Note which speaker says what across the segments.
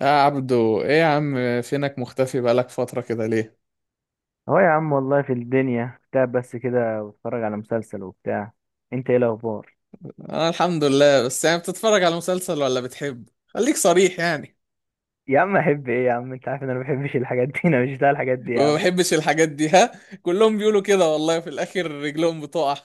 Speaker 1: يا عبدو، ايه يا عم؟ فينك مختفي بقالك فترة كده ليه؟
Speaker 2: اهو يا عم، والله في الدنيا كنت قاعد بس كده بتفرج على مسلسل وبتاع. انت ايه الاخبار؟
Speaker 1: انا الحمد لله. بس يعني بتتفرج على مسلسل ولا بتحب؟ خليك صريح يعني.
Speaker 2: يا عم احب ايه يا عم، انت عارف ان انا ما بحبش الحاجات دي. انا مش بتاع الحاجات دي يا
Speaker 1: ما
Speaker 2: عم.
Speaker 1: بحبش الحاجات دي. ها. كلهم بيقولوا كده والله، في الاخر رجلهم بتقع.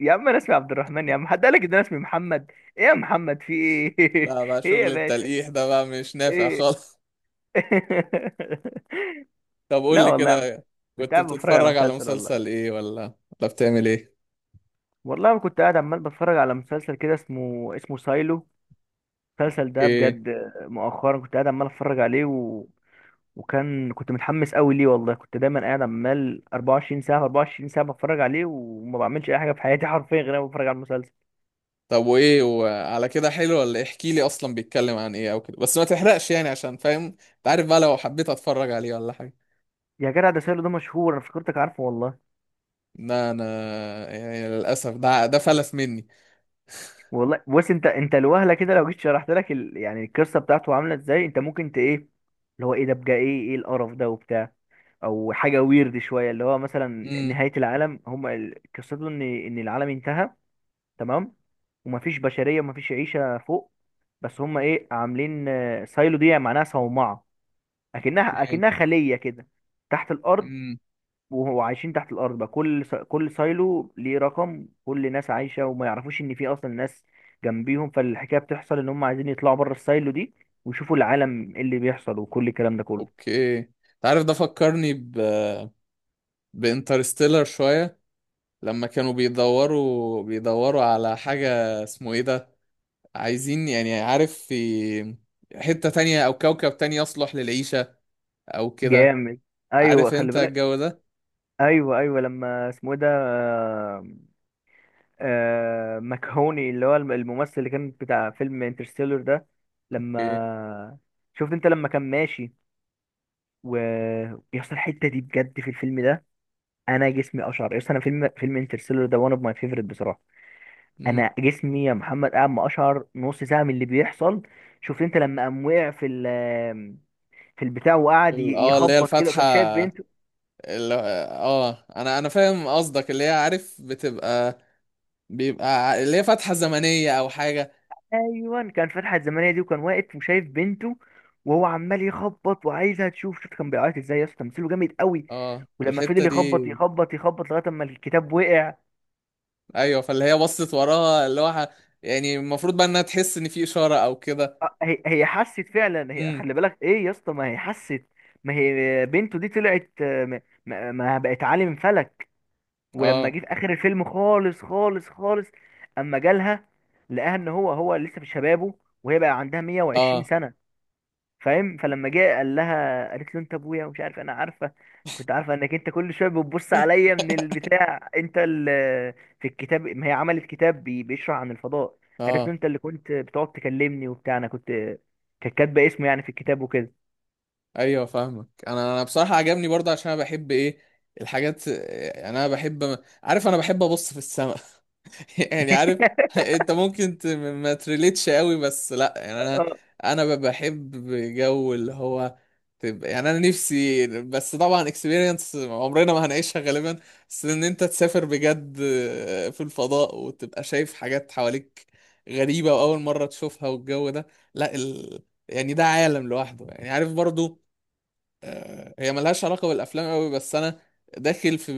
Speaker 2: يا عم انا اسمي عبد الرحمن يا عم، حد قالك ان انا اسمي محمد؟ ايه يا محمد، في ايه؟
Speaker 1: لا بقى،
Speaker 2: ايه يا
Speaker 1: شغل
Speaker 2: باشا؟
Speaker 1: التلقيح ده بقى مش نافع
Speaker 2: ايه؟
Speaker 1: خالص. طب قول
Speaker 2: لا
Speaker 1: لي
Speaker 2: والله يا عم،
Speaker 1: كده.
Speaker 2: كنت
Speaker 1: كنت
Speaker 2: قاعد بتفرج على
Speaker 1: بتتفرج على
Speaker 2: مسلسل
Speaker 1: مسلسل
Speaker 2: والله.
Speaker 1: ايه ولا بتعمل ايه؟
Speaker 2: والله كنت قاعد عمال بتفرج على مسلسل كده، اسمه سايلو. المسلسل ده
Speaker 1: ايه.
Speaker 2: بجد، مؤخرا كنت قاعد عمال اتفرج عليه. وكان كنت متحمس قوي ليه، والله كنت دايما قاعد عمال 24 ساعه في 24 ساعه بتفرج عليه، وما بعملش اي حاجه في حياتي حرفيا غير انا بتفرج على المسلسل.
Speaker 1: طب وايه، وعلى كده حلو ولا إيه؟ احكي لي اصلا بيتكلم عن ايه او كده، بس ما تحرقش يعني عشان فاهم انت، عارف بقى لو حبيت اتفرج عليه ولا حاجة.
Speaker 2: يا جدع ده سيرو ده مشهور، انا فكرتك عارفه والله.
Speaker 1: لا انا، يعني للاسف ده فلس مني.
Speaker 2: والله بص، انت الوهله كده لو جيت شرحت لك يعني القصه بتاعته عامله ازاي، انت ممكن ايه اللي هو ايه ده بقى ايه القرف ده وبتاع، او حاجه، ويرد شويه اللي هو مثلا
Speaker 1: امم.
Speaker 2: نهايه العالم. هم قصته ان العالم انتهى. تمام، ومفيش بشريه ومفيش عيشه فوق. بس هم ايه عاملين، سايلو دي معناها صومعه، اكنها
Speaker 1: اوكي.
Speaker 2: اكنها خليه كده تحت الارض.
Speaker 1: امم.
Speaker 2: وهو عايشين تحت الارض بقى، كل سايلو ليه رقم، كل ناس عايشه وما يعرفوش ان في اصلا ناس جنبيهم. فالحكايه بتحصل ان هم عايزين يطلعوا بره السايلو دي، ويشوفوا العالم إيه اللي بيحصل وكل الكلام ده كله.
Speaker 1: اوكي انت عارف، ده فكرني ب، بانترستيلر شويه، لما كانوا بيدوروا على حاجه، اسمه ايه ده، عايزين يعني، عارف، في حته تانية او كوكب تاني يصلح للعيشه او كده،
Speaker 2: جامد. ايوه
Speaker 1: عارف
Speaker 2: خلي
Speaker 1: انت
Speaker 2: بالك.
Speaker 1: الجو ده.
Speaker 2: ايوه، ايوه، لما اسمه إيه ده مكهوني، اللي هو الممثل اللي كان بتاع فيلم انترستيلر ده.
Speaker 1: اوكي.
Speaker 2: لما شفت انت لما كان ماشي ويحصل الحته دي بجد في الفيلم ده، انا جسمي اشعر، يس انا فيلم انترستيلر ده وان اوف ماي فيفرت بصراحه.
Speaker 1: امم.
Speaker 2: انا جسمي يا محمد قاعد ما اشعر نص ساعه من اللي بيحصل. شفت انت لما قام وقع في البتاع، وقعد
Speaker 1: اللي هي
Speaker 2: يخبط كده،
Speaker 1: الفاتحه.
Speaker 2: وكان شايف بنته.
Speaker 1: انا فاهم قصدك، اللي هي عارف، بيبقى اللي هي فتحة زمنية أو حاجة.
Speaker 2: ايوه، كان في الحلقه الزمنيه دي، وكان واقف وشايف بنته، وهو عمال يخبط وعايزها تشوف. شوف كان بيعيط ازاي يا اسطى، تمثيله جامد قوي.
Speaker 1: اه،
Speaker 2: ولما
Speaker 1: الحتة
Speaker 2: فضل
Speaker 1: دي.
Speaker 2: يخبط يخبط يخبط لغايه اما الكتاب وقع.
Speaker 1: أيوة، فاللي هي بصت وراها اللي هو يعني المفروض بقى إنها تحس إن في إشارة أو كده.
Speaker 2: هي حست فعلا، هي
Speaker 1: امم.
Speaker 2: خلي بالك ايه يا اسطى، ما هي حست. ما هي بنته دي طلعت، ما بقت عالم فلك. ولما
Speaker 1: اه.
Speaker 2: جه في اخر الفيلم خالص خالص خالص، اما جالها لقاها ان هو هو لسه في شبابه، وهي بقى عندها
Speaker 1: اه.
Speaker 2: 120 سنه. فاهم؟ فلما جه قال لها، قالت له: انت ابويا ومش عارف، انا عارفه، كنت عارفه انك انت كل شويه بتبص عليا من البتاع، انت اللي في الكتاب، ما هي عملت كتاب بيشرح عن الفضاء. قالت له:
Speaker 1: اه.
Speaker 2: انت اللي كنت بتقعد تكلمني وبتاع. انا كنت كانت كاتبه اسمه يعني في الكتاب وكده.
Speaker 1: ايوه، فاهمك. انا بصراحه عجبني برضه، عشان انا بحب ايه، الحاجات، يعني انا بحب، عارف انا بحب ابص في السماء. يعني عارف. انت ممكن ما تريليتش قوي، بس لا يعني انا،
Speaker 2: اه،
Speaker 1: بحب جو اللي هو تبقى، يعني انا نفسي، بس طبعا اكسبيرينس عمرنا ما هنعيشها غالبا، بس ان انت تسافر بجد في الفضاء وتبقى شايف حاجات حواليك غريبة، واول مرة تشوفها، والجو ده. لا ال... يعني ده عالم لوحده يعني، عارف برضو. هي ملهاش علاقة بالأفلام أوي، بس أنا داخل في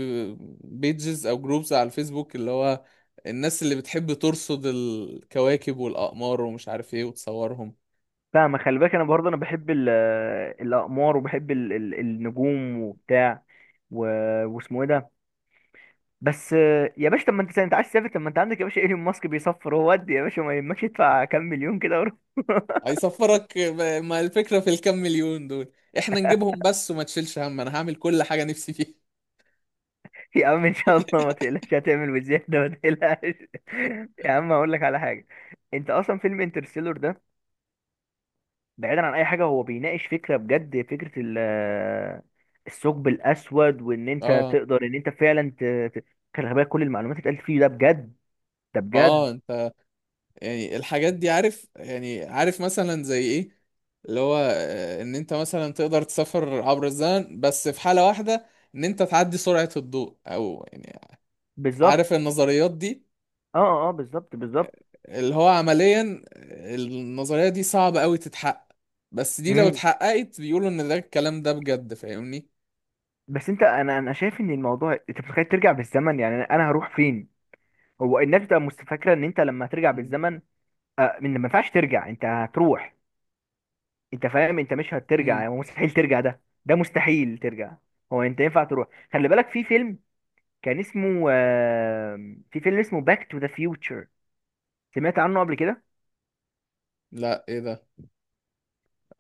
Speaker 1: بيجز أو جروبز على الفيسبوك، اللي هو الناس اللي بتحب ترصد الكواكب والأقمار ومش عارف إيه وتصورهم.
Speaker 2: فاهمة خلي بالك، انا برضه انا بحب الاقمار، وبحب النجوم وبتاع، و... واسمه ايه ده؟ بس يا باشا، طب ما انت عايز تسافر، طب ما انت عندك يا باشا ايلون ماسك بيصفر هو، ودي يا باشا ما يهمكش، ادفع كام مليون كده وروح.
Speaker 1: هيصفرك ما الفكرة في الكام مليون دول، إحنا نجيبهم بس، وما تشيلش هم، أنا هعمل كل حاجة نفسي فيها.
Speaker 2: يا عم ان شاء الله ما تقلقش، هتعمل بزيادة ما تقلقش. يا عم هقول لك على حاجة، انت اصلا فيلم انترستيلر ده بعيدا عن اي حاجة هو بيناقش فكرة بجد، فكرة الثقب الاسود، وان انت
Speaker 1: آه.
Speaker 2: تقدر، ان انت فعلا خلي بالك كل المعلومات اللي اتقالت فيه ده بجد، ده بجد.
Speaker 1: آه. أنت يعني الحاجات دي عارف، يعني عارف مثلا زي ايه، اللي هو ان انت مثلا تقدر تسافر عبر الزمن، بس في حالة واحدة، ان انت تعدي سرعة الضوء او يعني،
Speaker 2: بالظبط،
Speaker 1: عارف النظريات دي،
Speaker 2: اه، اه، بالظبط، بالظبط.
Speaker 1: اللي هو عمليا، النظرية دي صعبة قوي تتحقق، بس دي لو
Speaker 2: امم.
Speaker 1: اتحققت بيقولوا ان ده، الكلام ده بجد، فاهمني.
Speaker 2: بس انت انا انا شايف ان الموضوع، انت متخيل ترجع بالزمن يعني انا هروح فين. هو الناس بتبقى فاكره ان انت لما ترجع
Speaker 1: مم.
Speaker 2: بالزمن، آه، من ما ينفعش ترجع، انت هتروح، انت فاهم، انت مش هترجع
Speaker 1: امم.
Speaker 2: يعني مستحيل ترجع، ده مستحيل ترجع. هو انت ينفع تروح، خلي بالك في فيلم كان اسمه. في فيلم اسمه باك تو ذا فيوتشر، سمعت عنه قبل كده؟
Speaker 1: لا، ايه ده؟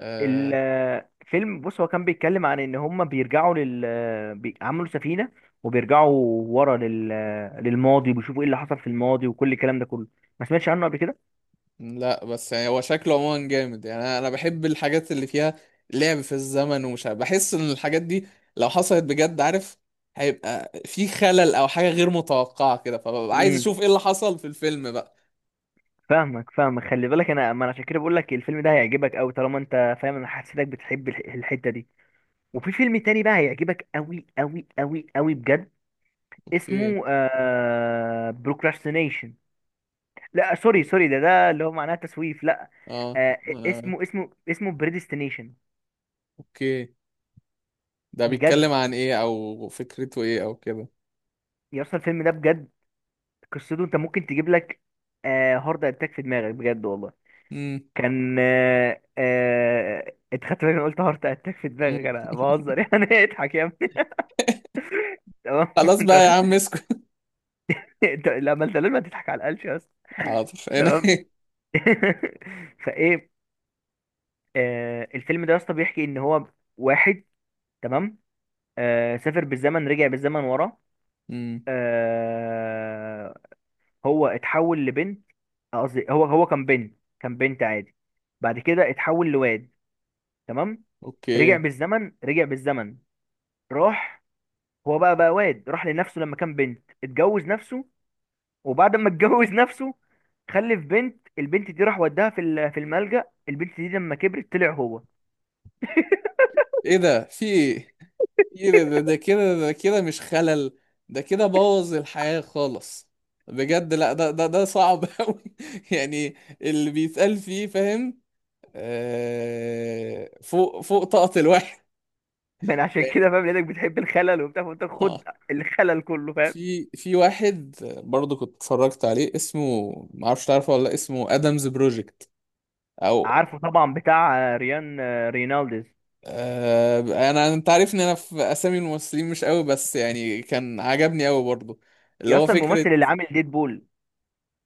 Speaker 1: آه.
Speaker 2: الفيلم بص، هو كان بيتكلم عن ان هم بيرجعوا عملوا سفينة، وبيرجعوا ورا لل... آه، للماضي، وبيشوفوا ايه اللي حصل في الماضي وكل الكلام ده كله. ما سمعتش عنه قبل كده؟
Speaker 1: لا، بس يعني هو شكله عموما جامد، يعني انا أنا بحب الحاجات اللي فيها لعب في الزمن، ومش عارف، بحس ان الحاجات دي لو حصلت بجد، عارف، هيبقى في خلل او حاجة غير متوقعة كده، فببقى عايز
Speaker 2: امم،
Speaker 1: اشوف ايه اللي حصل في الفيلم بقى.
Speaker 2: فاهمك فاهمك، خلي بالك، ما انا عشان كده بقول لك الفيلم ده هيعجبك قوي، طالما انت فاهم انا حسيتك بتحب الحتة دي. وفي فيلم تاني بقى هيعجبك قوي قوي قوي قوي بجد،
Speaker 1: اوكي.
Speaker 2: اسمه بروكراستينيشن، لا سوري، سوري، ده اللي هو معناه تسويف، لا.
Speaker 1: اه.
Speaker 2: آه
Speaker 1: انا
Speaker 2: اسمه بريديستينيشن.
Speaker 1: اوكي، ده
Speaker 2: بجد
Speaker 1: بيتكلم عن ايه او فكرته ايه او كده؟
Speaker 2: يا اسطى الفيلم ده بجد، قصته، انت ممكن تجيب لك هارت اتاك في دماغك بجد والله.
Speaker 1: امم.
Speaker 2: كان آه آه انت خدت بالك، انا قلت هارت اتاك في دماغك،
Speaker 1: أمم.
Speaker 2: انا بهزر يعني. اضحك يا ابني. تمام.
Speaker 1: خلاص
Speaker 2: انت ما
Speaker 1: بقى يا عم،
Speaker 2: خدتش.
Speaker 1: اسكت.
Speaker 2: لا ما انت لازم تضحك على القلش يا اسطى.
Speaker 1: حاضر، هنا.
Speaker 2: تمام. فايه، الفيلم ده يا اسطى بيحكي ان هو واحد، تمام، سافر بالزمن، رجع بالزمن ورا،
Speaker 1: امم.
Speaker 2: آه هو اتحول لبنت. قصدي هو هو كان بنت، كان بنت عادي. بعد كده اتحول لواد، تمام. رجع
Speaker 1: اوكي.
Speaker 2: بالزمن، رجع بالزمن، راح، هو بقى واد راح لنفسه لما كان بنت، اتجوز نفسه. وبعد ما اتجوز نفسه، خلف بنت. البنت دي راح وداها في الملجأ. البنت دي لما كبرت طلع هو.
Speaker 1: ايه ده، في ايه؟ ايه ده، ده كده، ده كده مش خلل، ده كده بوظ الحياة خالص، بجد. لا، ده ده صعب قوي، يعني اللي بيتقال فيه فاهم، آه، فوق فوق طاقة الواحد
Speaker 2: عشان
Speaker 1: يعني.
Speaker 2: كده فاهم، لانك بتحب الخلل وبتاع فانت
Speaker 1: آه.
Speaker 2: خد الخلل كله فاهم.
Speaker 1: في واحد برضه كنت اتفرجت عليه، اسمه، ما اعرفش تعرفه ولا لأ، اسمه ادمز بروجكت، او.
Speaker 2: عارفه طبعا، بتاع ريان رينالديز.
Speaker 1: آه، انت عارفني انا في اسامي الممثلين مش قوي، بس يعني كان عجبني قوي برضه، اللي
Speaker 2: يا،
Speaker 1: هو
Speaker 2: اصلا
Speaker 1: فكرة،
Speaker 2: الممثل اللي عامل ديدبول.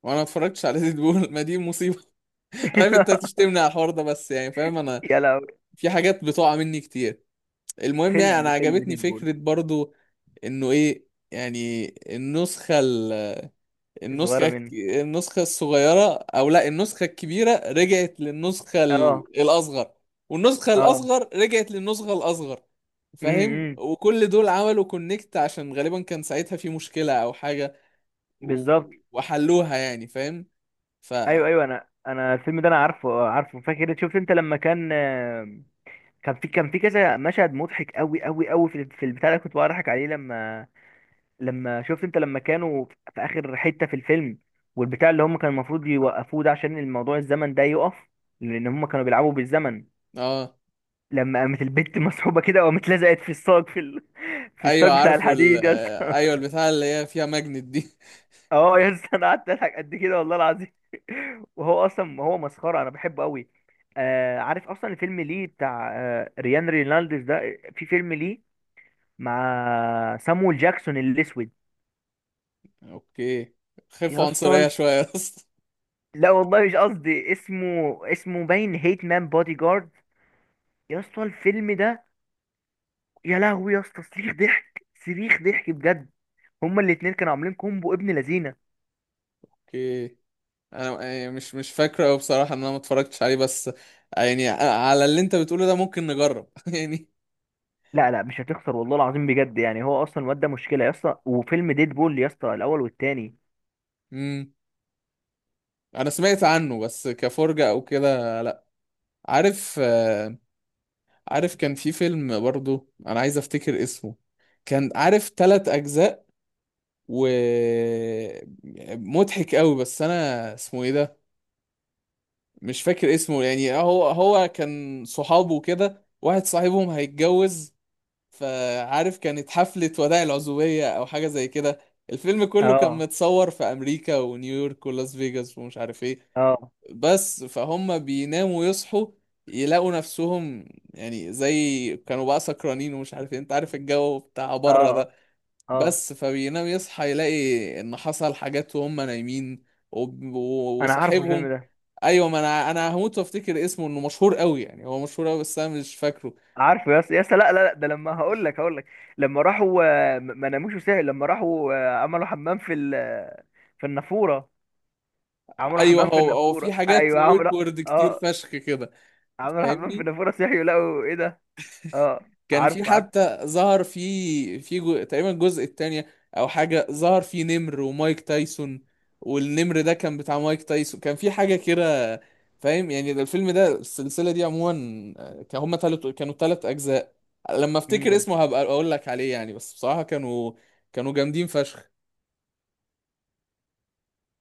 Speaker 1: وانا ما اتفرجتش على ديد بول. ما دي مصيبه. عارف انت هتشتمني على الحوار ده، بس يعني فاهم انا
Speaker 2: يا لهوي،
Speaker 1: في حاجات بتقع مني كتير. المهم يعني انا
Speaker 2: فيلم
Speaker 1: عجبتني
Speaker 2: ديدبول،
Speaker 1: فكره برضو، انه ايه يعني، النسخه ال...
Speaker 2: الصغيره منه.
Speaker 1: النسخه الصغيره، او لا، النسخه الكبيره رجعت للنسخه
Speaker 2: اه،
Speaker 1: الاصغر، والنسخه
Speaker 2: اه.
Speaker 1: الاصغر رجعت للنسخه الاصغر، فاهم،
Speaker 2: امم.
Speaker 1: وكل دول عملوا كونكت عشان غالبا كان ساعتها في مشكله او حاجه، و...
Speaker 2: بالظبط.
Speaker 1: وحلوها يعني فاهم، ف.
Speaker 2: ايوه، ايوه، انا الفيلم ده انا عارفه، عارفه، فاكر، شفت انت لما كان، كان في كذا مشهد مضحك قوي قوي قوي، في البتاع اللي كنت بقى عليه، لما شفت انت لما كانوا في اخر حتة في الفيلم، والبتاع اللي هم كان المفروض يوقفوه ده عشان الموضوع الزمن ده يقف، لان هم كانوا بيلعبوا بالزمن.
Speaker 1: اه.
Speaker 2: لما قامت البت مسحوبة كده وقامت لزقت في الصاج، في
Speaker 1: ايوه،
Speaker 2: الصاج بتاع
Speaker 1: عارفه
Speaker 2: الحديد يا اسطى.
Speaker 1: ايوه، البتاع اللي هي فيها ماجنت دي.
Speaker 2: اه يا اسطى، انا قعدت اضحك قد كده والله العظيم. وهو اصلا هو مسخرة، انا بحبه قوي. عارف اصلا الفيلم ليه بتاع ريان رينالديز ده، في فيلم ليه مع سامويل جاكسون الاسود.
Speaker 1: اوكي.
Speaker 2: يا
Speaker 1: خفة عنصرية
Speaker 2: اسطى
Speaker 1: شوية يا اسطى.
Speaker 2: لا والله مش قصدي، اسمه باين هيت مان بودي جارد. يا اسطى الفيلم ده، يا لهوي يا اسطى، صريخ ضحك صريخ ضحك بجد. هما الاتنين كانوا عاملين كومبو ابن لذينه.
Speaker 1: اوكي. انا يعني مش فاكره أوي بصراحة ان انا ما اتفرجتش عليه، بس يعني على اللي انت بتقوله ده ممكن نجرب يعني.
Speaker 2: لا، لا، مش هتخسر والله العظيم بجد يعني، هو اصلا الواد ده مشكله يا اسطى، وفيلم ديد بول يا اسطى الاول والتاني.
Speaker 1: امم. انا سمعت عنه بس كفرجة او كده، لا. عارف، عارف كان في فيلم برضو، انا عايز افتكر اسمه، كان عارف 3 اجزاء، و، مضحك قوي، بس انا اسمه ايه ده، مش فاكر اسمه، يعني هو كان صحابه كده، واحد صاحبهم هيتجوز، فعارف كانت حفلة وداع العزوبية أو حاجة زي كده، الفيلم كله كان
Speaker 2: اه،
Speaker 1: متصور في أمريكا ونيويورك ولاس فيجاس ومش عارف ايه،
Speaker 2: اه،
Speaker 1: بس فهم بيناموا يصحوا يلاقوا نفسهم، يعني زي كانوا بقى سكرانين ومش عارف ايه، انت عارف الجو بتاع بره
Speaker 2: اه،
Speaker 1: ده،
Speaker 2: اه،
Speaker 1: بس فبينام يصحى يلاقي ان حصل حاجات وهم نايمين، و
Speaker 2: انا عارفه الفيلم
Speaker 1: وصاحبهم
Speaker 2: ده.
Speaker 1: ايوه، ما انا هموت وافتكر اسمه، انه مشهور قوي، يعني هو مشهور قوي بس انا مش فاكره.
Speaker 2: عارفه يا اسطى، يا اسطى، لا، لا، لا، ده لما هقول لك. لما راحوا ما ناموش وسهل، لما راحوا عملوا حمام في النافوره. عملوا
Speaker 1: ايوه،
Speaker 2: حمام في
Speaker 1: هو في
Speaker 2: النافوره،
Speaker 1: حاجات
Speaker 2: ايوه عملوا.
Speaker 1: اوكورد كتير
Speaker 2: اه،
Speaker 1: فشخ كده،
Speaker 2: عملوا حمام في
Speaker 1: فاهمني.
Speaker 2: النافوره، صحيوا لقوا ايه ده. اه،
Speaker 1: كان في
Speaker 2: عارف، عارف.
Speaker 1: حتى، ظهر تقريبا الجزء الثاني او حاجه، ظهر فيه نمر ومايك تايسون، والنمر ده كان بتاع مايك تايسون، كان في حاجه كده، فاهم يعني، ده الفيلم ده، السلسله دي عموما، كان هما كانوا 3 اجزاء، لما افتكر
Speaker 2: مم.
Speaker 1: اسمه هبقى اقول لك عليه يعني، بس بصراحه كانوا جامدين فشخ.